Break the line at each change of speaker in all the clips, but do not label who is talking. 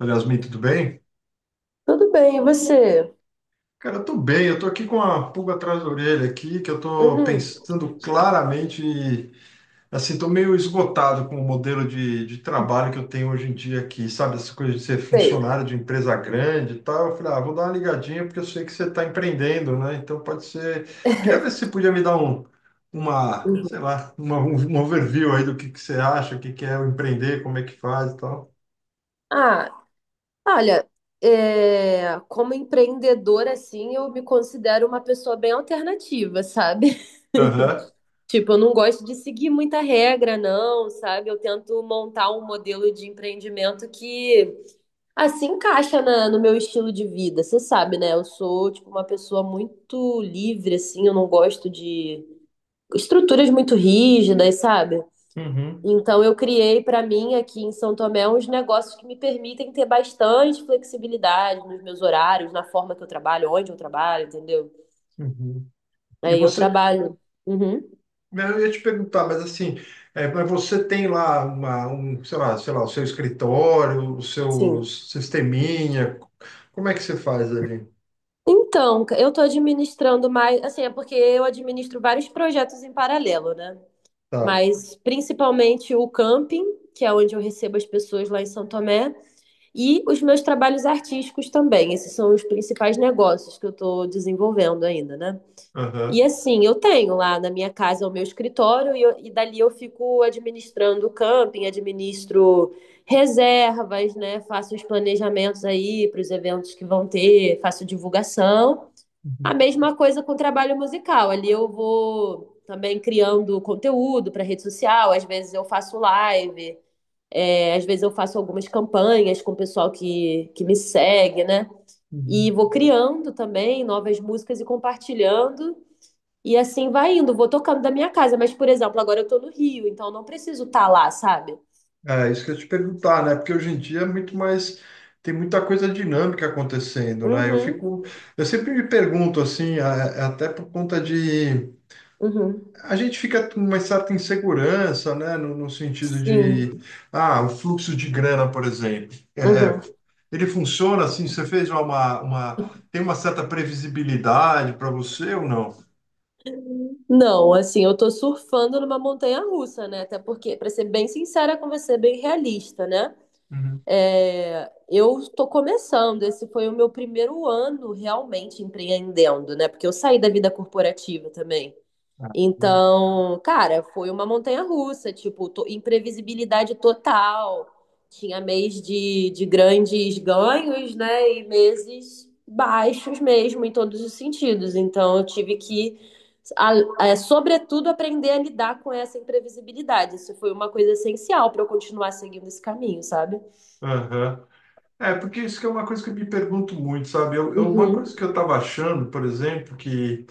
Olha, Yasmin, tudo bem?
Tudo bem, e você?
Cara, eu tô bem, eu tô aqui com a pulga atrás da orelha aqui, que eu tô
Uhum,
pensando claramente, e, assim, tô meio esgotado com o modelo de trabalho que eu tenho hoje em dia aqui, sabe? Essa coisa de ser
sei.
funcionário de empresa grande e tal. Eu falei, ah, vou dar uma ligadinha porque eu sei que você tá empreendendo, né? Então pode ser. Queria ver se você podia me dar um, uma,
Uhum.
sei lá, uma, um um overview aí do que você acha, o que que é o empreender, como é que faz e tal.
Ah, olha, como empreendedora, assim, eu me considero uma pessoa bem alternativa, sabe?
Aham.
Tipo, eu não gosto de seguir muita regra, não, sabe? Eu tento montar um modelo de empreendimento que, assim, encaixa no meu estilo de vida, você sabe, né? Eu sou, tipo, uma pessoa muito livre, assim, eu não gosto de estruturas muito rígidas, sabe?
Uhum.
Então, eu criei para mim aqui em São Tomé uns negócios que me permitem ter bastante flexibilidade nos meus horários, na forma que eu trabalho, onde eu trabalho, entendeu?
Uhum. E
Aí eu
você
trabalho. Uhum,
Eu ia te perguntar, mas assim, mas você tem lá sei lá, o seu escritório, o seu
sim.
sisteminha, como é que você faz ali?
Eu estou administrando mais, assim, porque eu administro vários projetos em paralelo, né?
Tá.
Mas principalmente o camping, que é onde eu recebo as pessoas lá em São Tomé, e os meus trabalhos artísticos também. Esses são os principais negócios que eu estou desenvolvendo ainda, né?
Aham.
E assim, eu tenho lá na minha casa o meu escritório e, e dali eu fico administrando o camping, administro reservas, né? Faço os planejamentos aí para os eventos que vão ter, faço divulgação. A
Uhum,
mesma coisa com o trabalho musical. Ali eu vou também criando conteúdo para rede social, às vezes eu faço live, às vezes eu faço algumas campanhas com o pessoal que me segue, né? E
uhum.
vou criando também novas músicas e compartilhando. E assim vai indo, vou tocando da minha casa. Mas, por exemplo, agora eu tô no Rio, então eu não preciso estar lá, sabe?
É isso que eu ia te perguntar, né? Porque hoje em dia é muito mais, tem muita coisa dinâmica acontecendo, né? Eu
Uhum,
fico, eu sempre me pergunto assim, até por conta de,
uhum.
a gente fica com uma certa insegurança, né? No sentido
Sim,
de, ah, o fluxo de grana, por exemplo.
uhum.
Ele funciona assim? Você fez uma, tem uma certa previsibilidade para você ou não?
Não, assim, eu tô surfando numa montanha russa, né? Até porque, pra ser bem sincera com você, bem realista, né?
Uhum.
Eu tô começando, esse foi o meu primeiro ano realmente empreendendo, né? Porque eu saí da vida corporativa também.
Ah,
Então, cara, foi uma montanha-russa, tipo, imprevisibilidade total. Tinha mês de grandes ganhos, né? E meses baixos mesmo, em todos os sentidos. Então, eu tive sobretudo, aprender a lidar com essa imprevisibilidade. Isso foi uma coisa essencial para eu continuar seguindo esse caminho, sabe?
aham. É, porque isso que é uma coisa que eu me pergunto muito, sabe? Uma
Uhum,
coisa que eu estava achando, por exemplo, que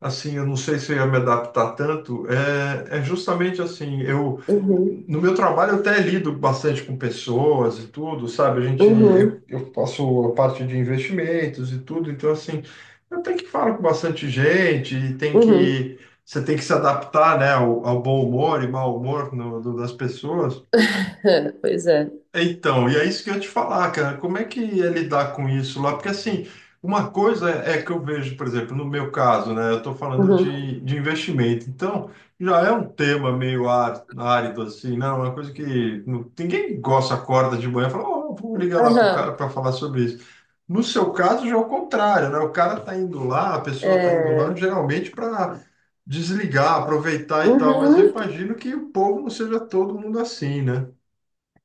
assim, eu não sei se eu ia me adaptar tanto, é justamente assim, eu
uhum,
no meu trabalho eu até lido bastante com pessoas e tudo, sabe? A gente eu,
uhum,
eu faço a parte de investimentos e tudo, então assim, eu tenho que falar com bastante gente e tem
uhum.
que você tem que se adaptar, né, ao bom humor e mau humor das pessoas.
Pois é.
Então, e é isso que eu ia te falar, cara. Como é que é lidar com isso lá? Porque, assim, uma coisa é que eu vejo, por exemplo, no meu caso, né? Eu estou falando
Uhum.
de investimento. Então, já é um tema meio árido, assim, né? Uma coisa que ninguém gosta, acorda de manhã e fala, oh, vou ligar lá para o
Aham.
cara para falar sobre isso. No seu caso, já é o contrário, né? O cara está indo lá, a pessoa está indo lá,
É.
geralmente para desligar, aproveitar e tal. Mas eu
Uhum.
imagino que o povo não seja todo mundo assim, né?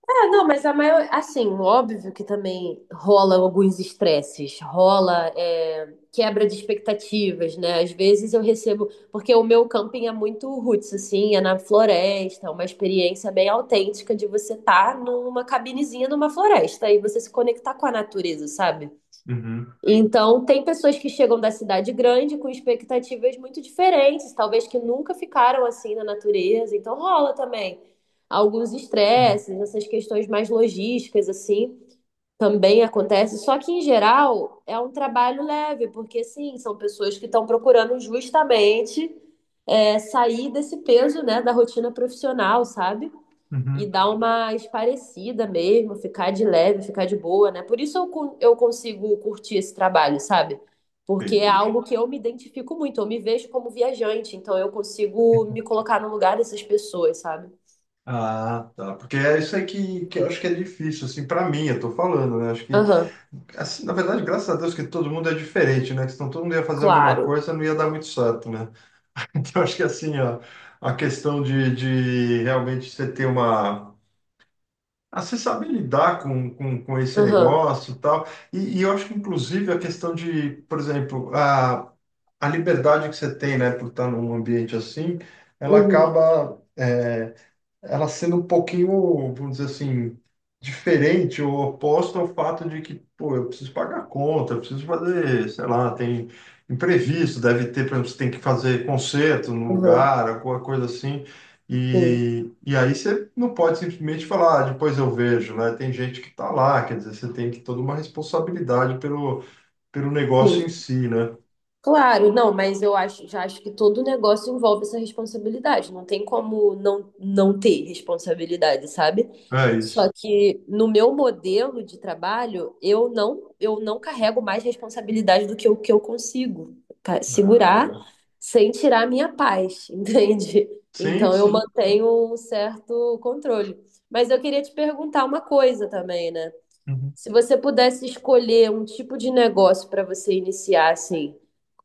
É, não, mas a maior, assim, óbvio que também rola alguns estresses, rola quebra de expectativas, né? Às vezes eu recebo, porque o meu camping é muito roots, assim, é na floresta, é uma experiência bem autêntica de você estar numa cabinezinha numa floresta e você se conectar com a natureza, sabe?
Uhum.
Então, tem pessoas que chegam da cidade grande com expectativas muito diferentes, talvez que nunca ficaram assim na natureza. Então, rola também alguns estresses, essas questões mais logísticas, assim, também acontece. Só que, em geral, é um trabalho leve, porque, sim, são pessoas que estão procurando justamente sair desse peso, né, da rotina profissional, sabe? E
Uhum,
dar uma esparecida mesmo, ficar de leve, ficar de boa, né? Por isso eu consigo curtir esse trabalho, sabe? Porque é
entendi.
algo que eu me identifico muito, eu me vejo como viajante, então eu consigo me colocar no lugar dessas pessoas, sabe?
Ah, tá. Porque é isso aí que eu acho que é difícil, assim, para mim, eu tô falando, né? Acho que,
Aham,
assim, na verdade, graças a Deus que todo mundo é diferente, né? Que senão todo mundo ia fazer a mesma
claro.
coisa, não ia dar muito certo, né? Então, acho que, assim, ó, a questão de realmente você ter uma. Ah, você saber lidar com esse
Aham,
negócio e tal. E eu acho que, inclusive, a questão de, por exemplo, a liberdade que você tem, né, por estar num ambiente assim, ela
uhum,
acaba. Ela sendo um pouquinho, vamos dizer assim, diferente ou oposta ao fato de que, pô, eu preciso pagar a conta, eu preciso fazer, sei lá, tem imprevisto, deve ter, por exemplo, você tem que fazer concerto no
aham,
lugar, alguma coisa assim.
sim,
E aí você não pode simplesmente falar, "Ah, depois eu vejo, né? Tem gente que tá lá, quer dizer, você tem que toda uma responsabilidade pelo, negócio em
sim.
si, né?
Claro, não, mas eu acho, já acho que todo negócio envolve essa responsabilidade. Não tem como não ter responsabilidade, sabe?
É isso.
Só que no meu modelo de trabalho, eu não carrego mais responsabilidade do que o que eu consigo segurar
Ah,
sem tirar a minha paz, entende?
sim,
Então eu
sim.
mantenho um certo controle. Mas eu queria te perguntar uma coisa também, né?
Uhum.
Se você pudesse escolher um tipo de negócio para você iniciar, assim.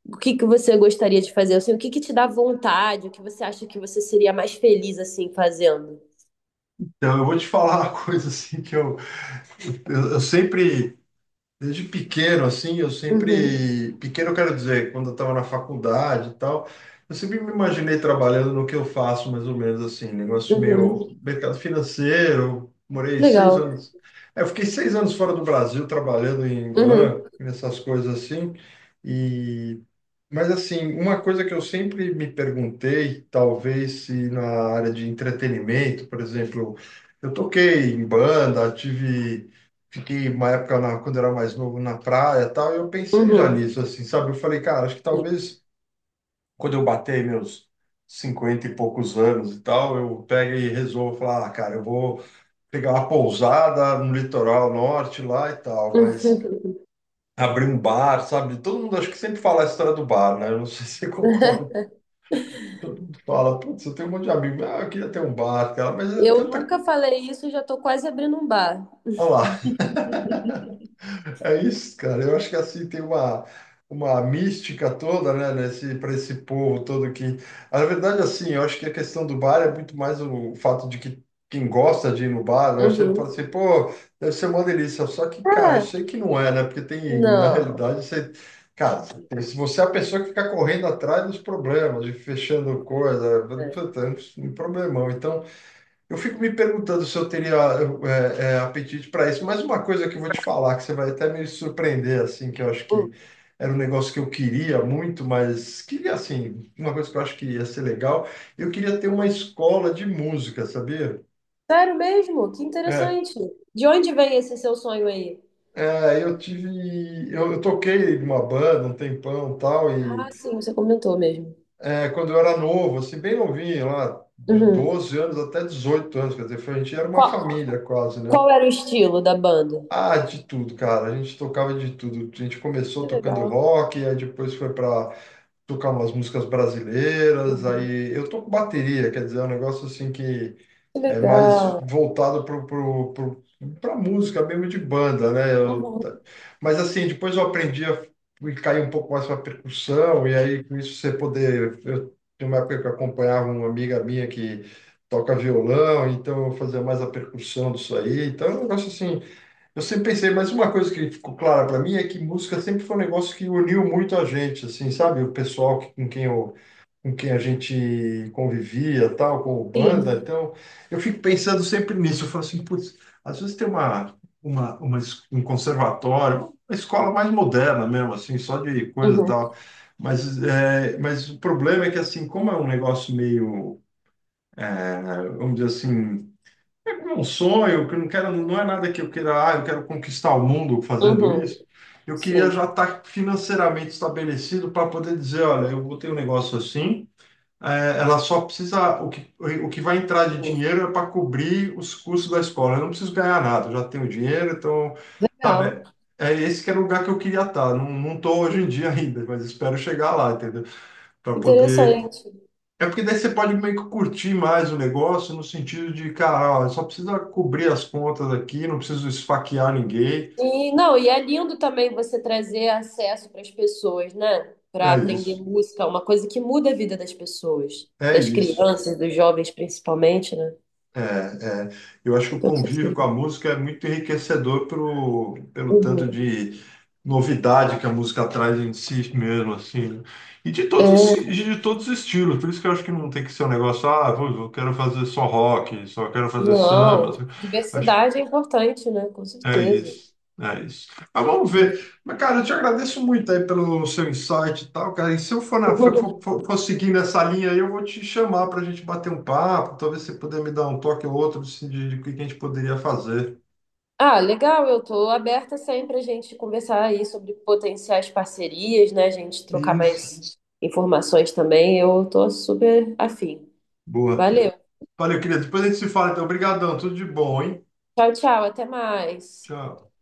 O que que você gostaria de fazer? Assim, o que que te dá vontade? O que você acha que você seria mais feliz assim fazendo?
Então, eu vou te falar uma coisa assim que eu sempre Desde pequeno, assim, eu
Uhum,
sempre. Pequeno, eu quero dizer, quando eu estava na faculdade e tal, eu sempre me imaginei trabalhando no que eu faço, mais ou menos assim, negócio
uhum.
meio mercado financeiro. Morei seis
Legal.
anos. Eu fiquei 6 anos fora do Brasil trabalhando em
Uhum,
banco, nessas coisas assim. e mas assim, uma coisa que eu sempre me perguntei, talvez se na área de entretenimento, por exemplo, eu toquei em banda, tive, fiquei uma época quando eu era mais novo na praia, e tal, e eu pensei já
uhum.
nisso, assim, sabe? Eu falei, cara, acho que talvez quando eu bater meus 50 e poucos anos e tal, eu pego e resolvo falar, ah, cara, eu vou pegar uma pousada no litoral norte lá e tal, mas
Uhum.
abrir um bar, sabe? Todo mundo acho que sempre fala a história do bar, né? Eu não sei se você concorda. Todo mundo fala, putz, eu tenho um monte de amigo, ah, eu queria ter um bar, cara, mas é
Eu
tanta.
nunca falei isso, já tô quase abrindo um bar.
Olha lá, é isso, cara. Eu acho que assim tem uma mística toda, né, nesse, para esse povo todo que. Na verdade, assim, eu acho que a questão do bar é muito mais o fato de que quem gosta de ir no bar, né, sempre
Uhum.
fala assim, pô, deve ser uma delícia. Só que, cara, eu
Ah,
sei que não é, né, porque tem, na
não.
realidade, você. Cara, se você é a pessoa que fica correndo atrás dos problemas, de fechando coisa,
É.
puta, é um problemão. Então. Eu fico me perguntando se eu teria apetite para isso, mas uma coisa que eu vou te falar, que você vai até me surpreender, assim, que eu acho
Hum.
que era um negócio que eu queria muito, mas queria, assim, uma coisa que eu acho que ia ser legal, eu queria ter uma escola de música, sabia?
Sério mesmo? Que
É,
interessante. De onde vem esse seu sonho aí?
eu tive, eu toquei numa banda um tempão e tal, e
Ah, sim, você comentou mesmo.
quando eu era novo, assim, bem novinho, lá de
Uhum.
12 anos até 18 anos, quer dizer, a gente era uma
Qual,
família quase, né?
qual era o estilo da banda?
Ah, de tudo, cara. A gente tocava de tudo. A gente começou
Que
tocando
legal.
rock, aí depois foi para tocar umas músicas brasileiras.
Uhum.
Aí eu toco bateria, quer dizer, é um negócio assim que
Que
é
legal.
mais voltado pra música mesmo de banda, né?
Uhum.
Mas assim, depois eu aprendi a cair um pouco mais para percussão, e aí com isso você poder. Eu, tinha uma época que eu acompanhava uma amiga minha que toca violão, então eu fazia mais a percussão disso aí. Então é um negócio assim. Eu sempre pensei, mas uma coisa que ficou clara para mim é que música sempre foi um negócio que uniu muito a gente, assim, sabe? O pessoal que, com quem a gente convivia, tal, com o banda.
Sim.
Então, eu fico pensando sempre nisso. Eu falo assim, putz, às vezes tem uma, um conservatório, uma escola mais moderna mesmo, assim, só de coisa e tal.
Uhum,
Mas o problema é que, assim, como é um negócio meio, vamos dizer assim, é um sonho, que eu não quero, não é nada que eu queira, ah, eu quero conquistar o mundo fazendo
uhum,
isso. Eu queria já
sim,
estar financeiramente estabelecido para poder dizer, olha, eu botei um negócio assim, ela só precisa, o que vai entrar de
sim.
dinheiro é para cobrir os custos da escola. Eu não preciso ganhar nada, eu já tenho dinheiro, então, sabe,
Legal.
é esse que era o lugar que eu queria estar. Não, não estou hoje em
Uhum.
dia ainda, mas espero chegar lá, entendeu? Para poder
Interessante.
é porque daí você pode meio que curtir mais o negócio no sentido de, cara, ó, só precisa cobrir as contas aqui, não preciso esfaquear ninguém.
E não, e é lindo também você trazer acesso para as pessoas, né?
É
Para aprender
isso,
música, uma coisa que muda a vida das pessoas,
é
das
isso.
crianças, dos jovens principalmente, né?
É, é. Eu acho que
Eu
o
penso
convívio com a
assim.
música é muito enriquecedor pelo tanto
Uhum.
de novidade que a música traz em si mesmo, assim, né? De todos os estilos. Por isso que eu acho que não tem que ser um negócio, ah, eu quero fazer só rock, só quero fazer samba,
Não,
assim. Acho
diversidade é importante, né? Com
É
certeza.
isso, é isso. Mas vamos ver. Mas, cara, eu te agradeço muito aí pelo seu insight e tal, cara. E se eu for, na, for, for, for seguir nessa linha aí, eu vou te chamar para a gente bater um papo, talvez você puder me dar um toque ou outro assim, de o que a gente poderia fazer.
Ah, legal, eu estou aberta sempre a gente conversar aí sobre potenciais parcerias, né? A gente trocar
Isso.
mais informações também. Eu estou super afim.
Boa.
Valeu.
Valeu, querido. Depois a gente se fala, então. Obrigadão. Tudo de bom, hein?
Tchau, tchau, até mais.
Tchau.